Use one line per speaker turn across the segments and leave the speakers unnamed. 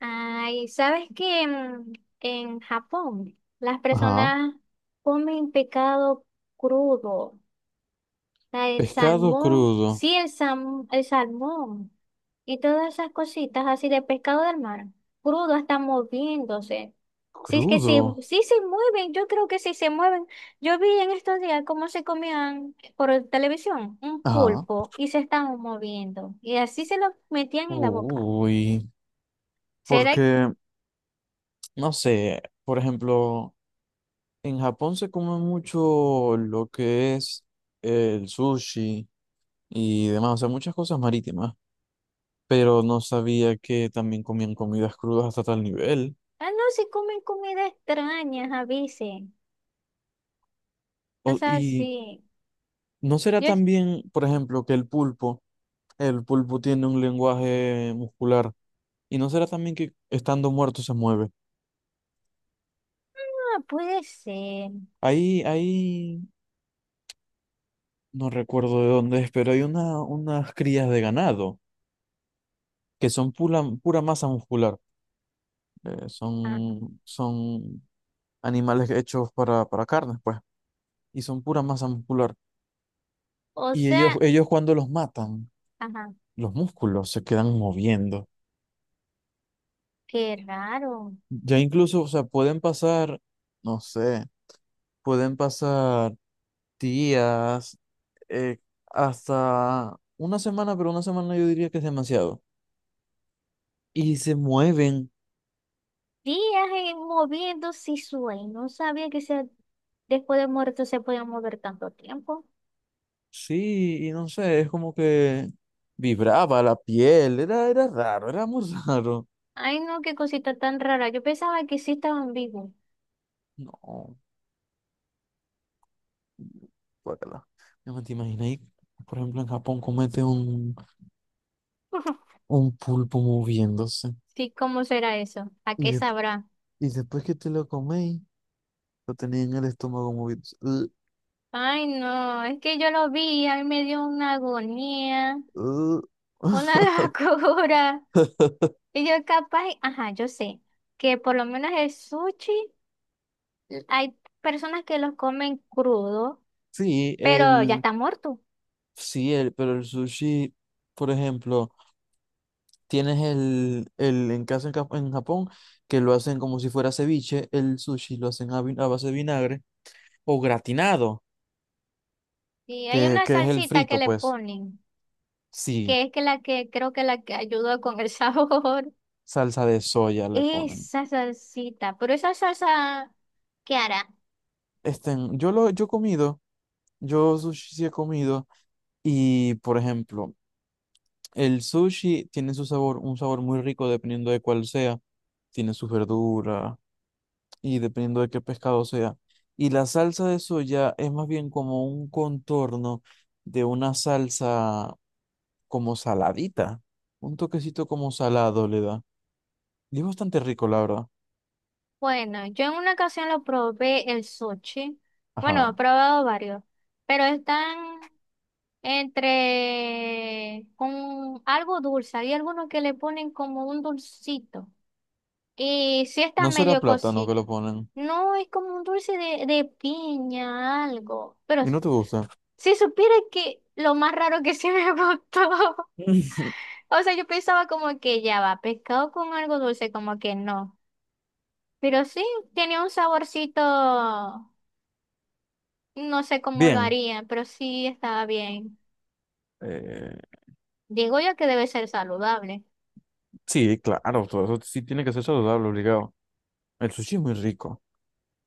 Ay, ¿sabes que en Japón las
Ajá.
personas comen pescado crudo? O sea, el
Pescado
salmón,
crudo.
sí, el salmón y todas esas cositas así de pescado del mar, crudo, hasta moviéndose. Sí, es que sí,
Crudo.
sí se mueven, yo creo que sí se mueven. Yo vi en estos días cómo se comían por televisión un
Ajá.
pulpo y se estaban moviendo y así se lo metían en la boca.
Uy.
¿Será?
Porque no sé, por ejemplo, en Japón se come mucho lo que es el sushi y demás, o sea, muchas cosas marítimas, pero no sabía que también comían comidas crudas hasta tal nivel.
Ah, no, si comen comida extraña, avisen. O
O-
sea,
y
sí.
no será
Yo,
también, por ejemplo, que el pulpo tiene un lenguaje muscular, y no será también que estando muerto se mueve.
ah, puede ser.
Ahí. No recuerdo de dónde es, pero hay unas crías de ganado que son pura masa muscular.
Ajá.
Son animales hechos para carnes, pues, y son pura masa muscular.
O
Y
sea,
ellos cuando los matan,
ajá,
los músculos se quedan moviendo.
qué raro.
Ya incluso, o sea, no sé, pueden pasar días, eh, hasta una semana, pero una semana yo diría que es demasiado. Y se mueven.
Días en- moviéndose y sueño. No sabía que se, después de muerto se podía mover tanto tiempo.
Sí, y no sé, es como que vibraba la piel, era raro, era muy raro.
Ay, no, qué cosita tan rara. Yo pensaba que sí estaban vivos.
No, guácala. No me te imaginas, ahí, por ejemplo, en Japón comete un pulpo moviéndose.
Sí, ¿cómo será eso? ¿A
Y,
qué
de-
sabrá?
y después que te lo coméis, lo tenía en el estómago moviéndose. Ugh,
Ay, no, es que yo lo vi, a mí me dio una agonía, una
ugh.
locura. Y yo capaz, ajá, yo sé que por lo menos el sushi, hay personas que los comen crudo,
Sí,
pero ya
el,
está muerto.
sí, el, pero el sushi, por ejemplo. Tienes el en casa en, en Japón, que lo hacen como si fuera ceviche, el sushi lo hacen a base de vinagre, o gratinado,
Y hay una
que es el
salsita que
frito,
le
pues.
ponen,
Sí,
que es que la que creo que la que ayuda con el sabor.
salsa de soya le ponen.
Esa salsita, pero esa salsa, ¿qué hará?
Este, yo he comido, yo sushi sí he comido, y por ejemplo, el sushi tiene su sabor, un sabor muy rico dependiendo de cuál sea. Tiene sus verduras, y dependiendo de qué pescado sea. Y la salsa de soya es más bien como un contorno de una salsa como saladita, un toquecito como salado le da. Y es bastante rico, la verdad.
Bueno, yo en una ocasión lo probé el sushi. Bueno, he
Ajá.
probado varios, pero están entre con algo dulce. Hay algunos que le ponen como un dulcito. Y sí está
No será
medio
plátano que
cosito.
lo ponen.
No es como un dulce de piña, algo. Pero
¿Y no te gusta?
si supiera que lo más raro que sí me gustó. O sea, yo pensaba como que ya va, pescado con algo dulce, como que no. Pero sí, tiene un saborcito, no sé cómo lo
Bien.
harían, pero sí estaba bien.
eh,
Digo yo que debe ser saludable.
sí, claro, todo eso sí tiene que ser saludable, obligado. El sushi es muy rico.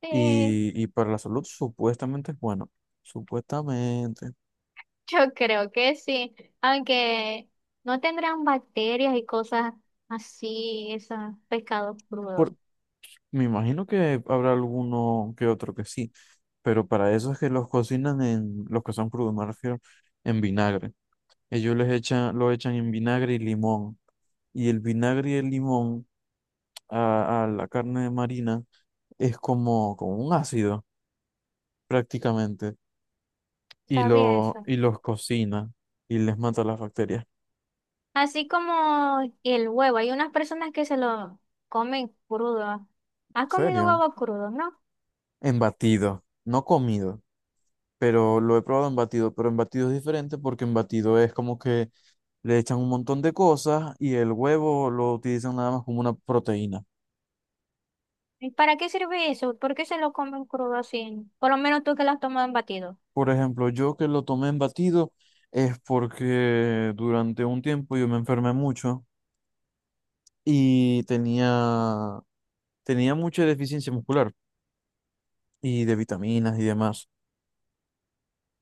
Sí,
Y para la salud supuestamente es bueno. Supuestamente.
yo creo que sí. Aunque no tendrán bacterias y cosas así, esos pescados crudos.
Por- Me imagino que habrá alguno que otro que sí, pero para eso es que los cocinan en, los que son crudos, me refiero, en vinagre. Ellos les echan, lo echan en vinagre y limón. Y el vinagre y el limón a la carne marina es como un ácido, prácticamente.
Sabía eso.
Y los cocina y les mata las bacterias.
Así como el huevo, hay unas personas que se lo comen crudo.
¿En
¿Has comido
serio?
huevo crudo, no?
En batido, no comido, pero lo he probado en batido, pero en batido es diferente porque en batido es como que le echan un montón de cosas y el huevo lo utilizan nada más como una proteína.
¿Y para qué sirve eso? ¿Por qué se lo comen crudo así? Por lo menos tú que lo has tomado en batido.
Por ejemplo, yo que lo tomé en batido es porque durante un tiempo yo me enfermé mucho y tenía mucha deficiencia muscular y de vitaminas y demás.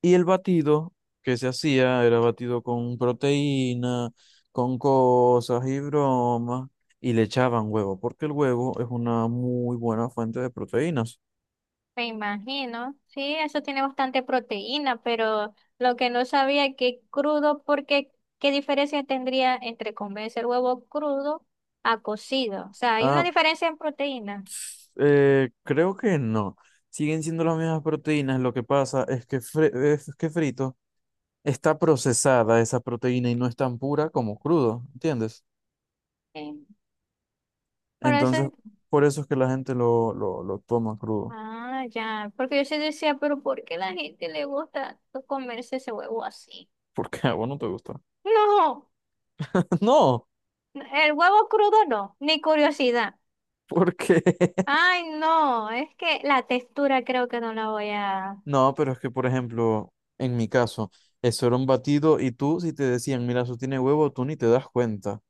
Y el batido que se hacía era batido con proteína, con cosas y bromas, y le echaban huevo, porque el huevo es una muy buena fuente de proteínas.
Me imagino, sí, eso tiene bastante proteína, pero lo que no sabía es que crudo, porque ¿qué diferencia tendría entre comerse el huevo crudo a cocido? O sea, hay una
Ah,
diferencia en proteína.
Creo que no. Siguen siendo las mismas proteínas. Lo que pasa es que, es que frito está procesada esa proteína y no es tan pura como crudo, ¿entiendes?
Sí. Por eso,
Entonces, por eso es que la gente lo toma crudo.
ah, ya, porque yo sí decía, pero ¿por qué la gente le gusta comerse ese huevo así?
Porque a vos no te gusta.
No,
No,
el huevo crudo no, ni curiosidad.
porque
Ay, no, es que la textura creo que no la voy a...
no, pero es que, por ejemplo, en mi caso, eso era un batido y tú, si te decían, mira, eso tiene huevo, tú ni te das cuenta.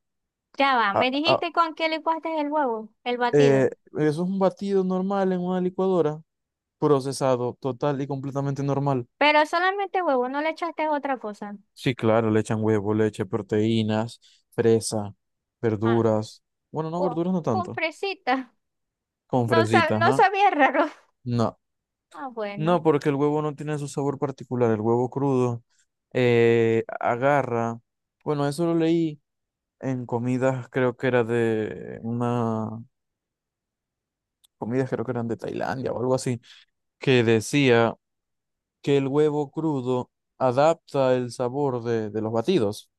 Ya va,
Ah,
me
ah,
dijiste con qué licuaste el huevo, el
eh,
batido.
eso es un batido normal en una licuadora, procesado, total y completamente normal.
Pero solamente huevo, no le echaste otra cosa.
Sí, claro, le echan huevo, leche, proteínas, fresa,
Ah,
verduras. Bueno, no,
con,
verduras no
con
tanto.
fresita.
Con
No, sab-
fresitas,
no
ajá.
sabía raro.
No,
Ah, bueno.
no, porque el huevo no tiene su sabor particular. El huevo crudo agarra. Bueno, eso lo leí en comidas, creo que era de una. Comidas creo que eran de Tailandia o algo así, que decía que el huevo crudo adapta el sabor de los batidos.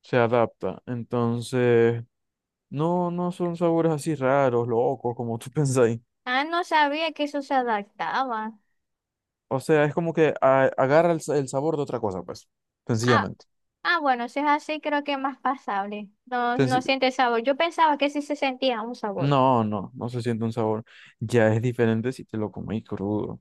Se adapta. Entonces, no son sabores así raros, locos, como tú pensáis.
Ah, no sabía que eso se adaptaba.
O sea, es como que agarra el sabor de otra cosa, pues,
Ah,
sencillamente.
ah, bueno, si es así, creo que es más pasable. No, no
Senci-
siente sabor. Yo pensaba que sí se sentía un sabor.
no, no se siente un sabor. Ya es diferente si te lo coméis crudo.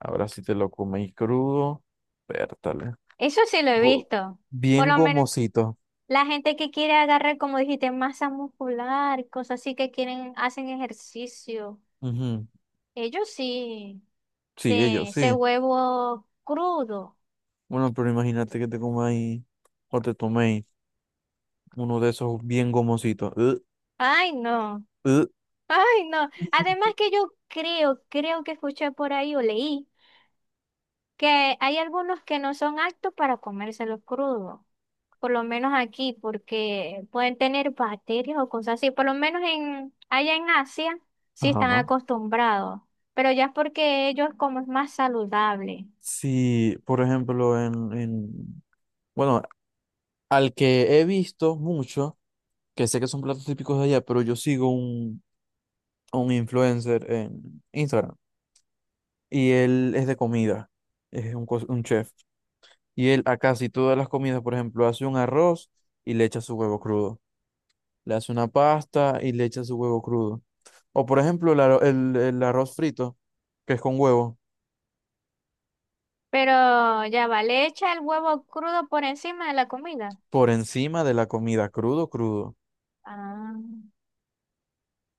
Ahora, si te lo coméis crudo, pértale.
Eso sí lo he
Go-
visto. Por
Bien
lo menos
gomosito.
la gente que quiere agarrar, como dijiste, masa muscular, cosas así que quieren, hacen ejercicio.
Ujú.
Ellos sí,
Sí,
de
ellos,
ese
sí.
huevo crudo.
Bueno, pero imagínate que te comáis o te toméis uno de esos bien gomositos. Ugh,
Ay, no,
ugh.
ay, no. Además que yo creo, creo que escuché por ahí o leí que hay algunos que no son aptos para comérselos crudos. Por lo menos aquí, porque pueden tener bacterias o cosas así. Por lo menos en, allá en Asia sí están
Ajá.
acostumbrados. Pero ya es porque ellos como es más saludable.
Sí, por ejemplo, bueno, al que he visto mucho, que sé que son platos típicos de allá, pero yo sigo a un influencer en Instagram y él es de comida, es un, un chef. Y él a casi todas las comidas, por ejemplo, hace un arroz y le echa su huevo crudo. Le hace una pasta y le echa su huevo crudo. O, por ejemplo, el arroz frito, que es con huevo,
Pero ya vale, echa el huevo crudo por encima de la comida.
por encima de la comida, crudo, crudo.
Ah,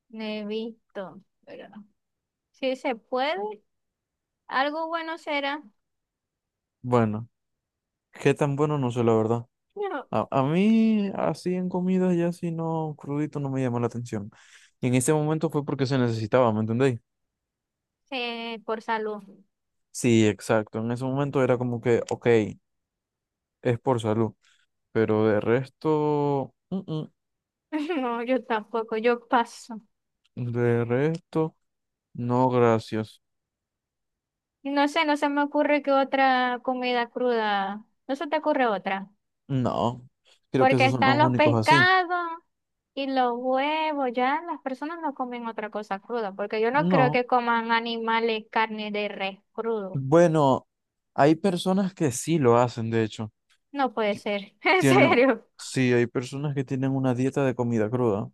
no he visto, pero no. Si se puede, algo bueno será.
Bueno, qué tan bueno no sé, la verdad.
No,
A mí, así en comidas ya así no, crudito no me llamó la atención. Y en ese momento fue porque se necesitaba, ¿me entendéis?
por salud.
Sí, exacto. En ese momento era como que, ok, es por salud. Pero de resto,
No, yo tampoco, yo paso.
de resto, no, gracias.
Y no sé, no se me ocurre que otra comida cruda. No se te ocurre otra.
No, creo que
Porque
esos son los
están los
únicos así.
pescados y los huevos. Ya las personas no comen otra cosa cruda. Porque yo no creo
No.
que coman animales, carne de res crudo.
Bueno, hay personas que sí lo hacen, de hecho.
No puede
Ti-
ser. En
Tienen,
serio.
sí, hay personas que tienen una dieta de comida cruda.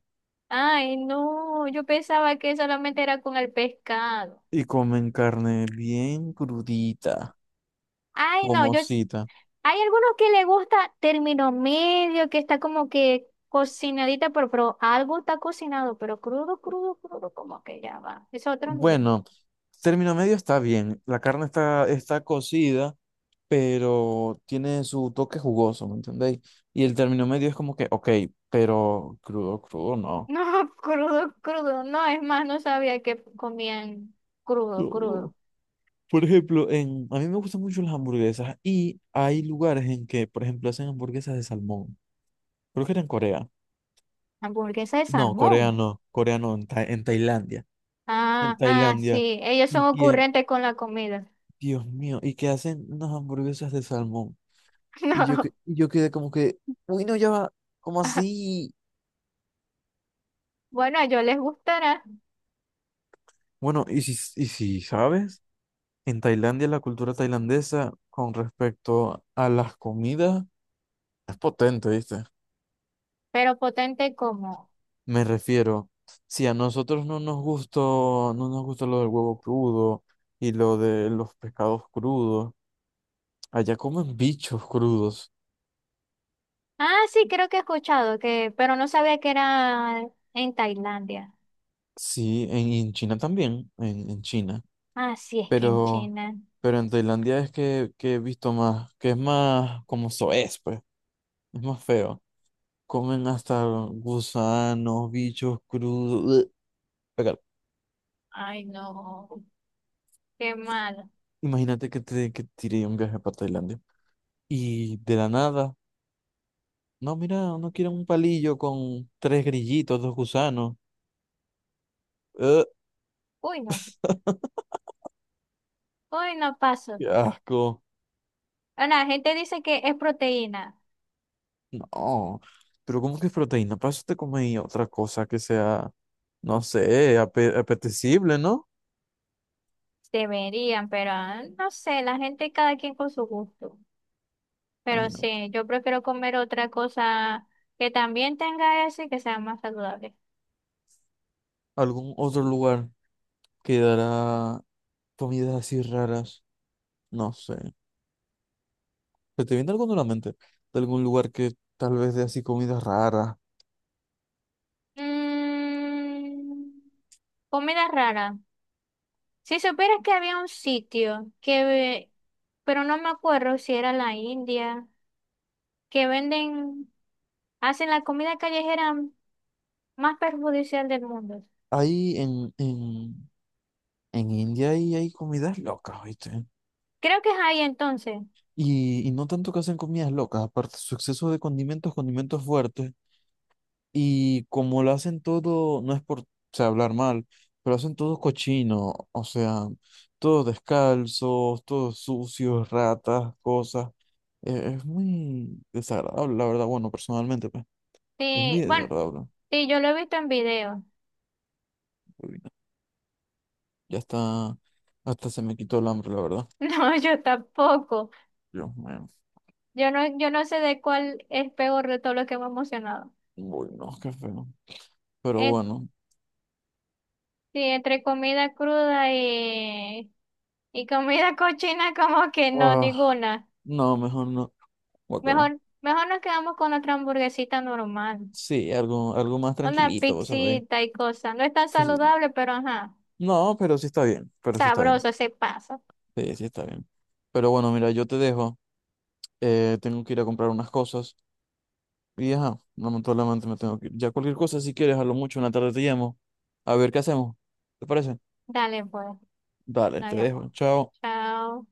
Ay, no, yo pensaba que solamente era con el pescado.
Y comen carne bien crudita,
Ay, no, yo, s-
gomosita.
hay algunos que le gusta término medio, que está como que cocinadita, pero algo está cocinado, pero crudo, crudo, crudo, como que ya va. Es otro nivel.
Bueno, término medio está bien. La carne está cocida, pero tiene su toque jugoso, ¿me entendéis? Y el término medio es como que, ok, pero crudo, crudo, no.
No, crudo, crudo, no, es más, no sabía que comían crudo, crudo.
No. Por ejemplo, en, a mí me gustan mucho las hamburguesas y hay lugares en que, por ejemplo, hacen hamburguesas de salmón. Creo que era en Corea.
Hamburguesa de
No,
salmón.
Corea no, en, en Tailandia. En
Ah,
Tailandia.
sí, ellos son
Y
ocurrentes con la comida.
Dios mío, y que hacen unas hamburguesas de salmón. Y yo,
No.
quedé como que, uy, no, ya va, ¿cómo así?
Bueno, a ellos les gustará,
Bueno, y si sabes, en Tailandia la cultura tailandesa con respecto a las comidas es potente, ¿viste?
pero potente como.
Me refiero, si a nosotros no nos gustó, no nos gustó lo del huevo crudo y lo de los pescados crudos, allá comen bichos crudos.
Ah, sí, creo que he escuchado que, pero no sabía que era en Tailandia.
Sí, en China también, en China.
Ah, sí, es que en
Pero,
China.
pero en Tailandia es que he visto más, que es más como soez, pues, es más feo. Comen hasta gusanos, bichos crudos. Ugh. Pegar.
Ay, no, qué malo.
Imagínate que te tiré un viaje para Tailandia. Y de la nada, no, mira, no quieren un palillo con tres grillitos, dos gusanos. Ugh,
Uy, no, uy, no paso.
qué asco.
Bueno, la gente dice que es proteína.
No, pero ¿cómo que es proteína? Para eso te comes otra cosa que sea, no sé, apetecible, ¿no?
Deberían, pero ah, no sé, la gente cada quien con su gusto. Pero
Ay, no.
sí, yo prefiero comer otra cosa que también tenga eso y que sea más saludable.
Algún otro lugar que dará comidas así raras. No sé. ¿Se te viene alguno a la mente? De algún lugar que tal vez dé así comidas raras.
Mm, comida rara. Si supieras que había un sitio que, ve- pero no me acuerdo si era la India, que venden, hacen la comida callejera más perjudicial del mundo.
Ahí en India ahí hay comidas locas, ¿viste?
Creo que es ahí entonces.
Y no tanto que hacen comidas locas, aparte su exceso de condimentos, condimentos fuertes. Y como lo hacen todo, no es por, o sea, hablar mal, pero hacen todo cochino, o sea, todos descalzos, todos sucios, ratas, cosas. Es muy desagradable, la verdad, bueno, personalmente, pues, es muy
Sí, bueno,
desagradable.
sí, yo lo he visto en video.
Uy, no, ya está, hasta se me quitó el hambre, la verdad.
No, yo tampoco.
Dios mío,
Yo no, yo no sé de cuál es peor de todo lo que hemos mencionado.
uy, no, qué feo. Pero
Eh,
bueno,
sí, entre comida cruda y comida cochina, como que no,
ah,
ninguna.
no, mejor no. Guácala.
Mejor, mejor nos quedamos con nuestra hamburguesita normal.
Sí, algo, algo más
Una
tranquilito, ¿sabes?
pixita y cosa. No es tan saludable, pero ajá.
No, pero sí está bien, pero sí está bien.
Sabroso, se pasa.
Sí, sí, está bien. Pero bueno, mira, yo te dejo. Tengo que ir a comprar unas cosas. Y ajá, lamentablemente me tengo que ir. Ya cualquier cosa, si quieres, a lo mucho en la tarde te llamo. A ver qué hacemos. ¿Te parece?
Dale, pues.
Dale,
No
te
hay afán.
dejo. Chao.
Chao.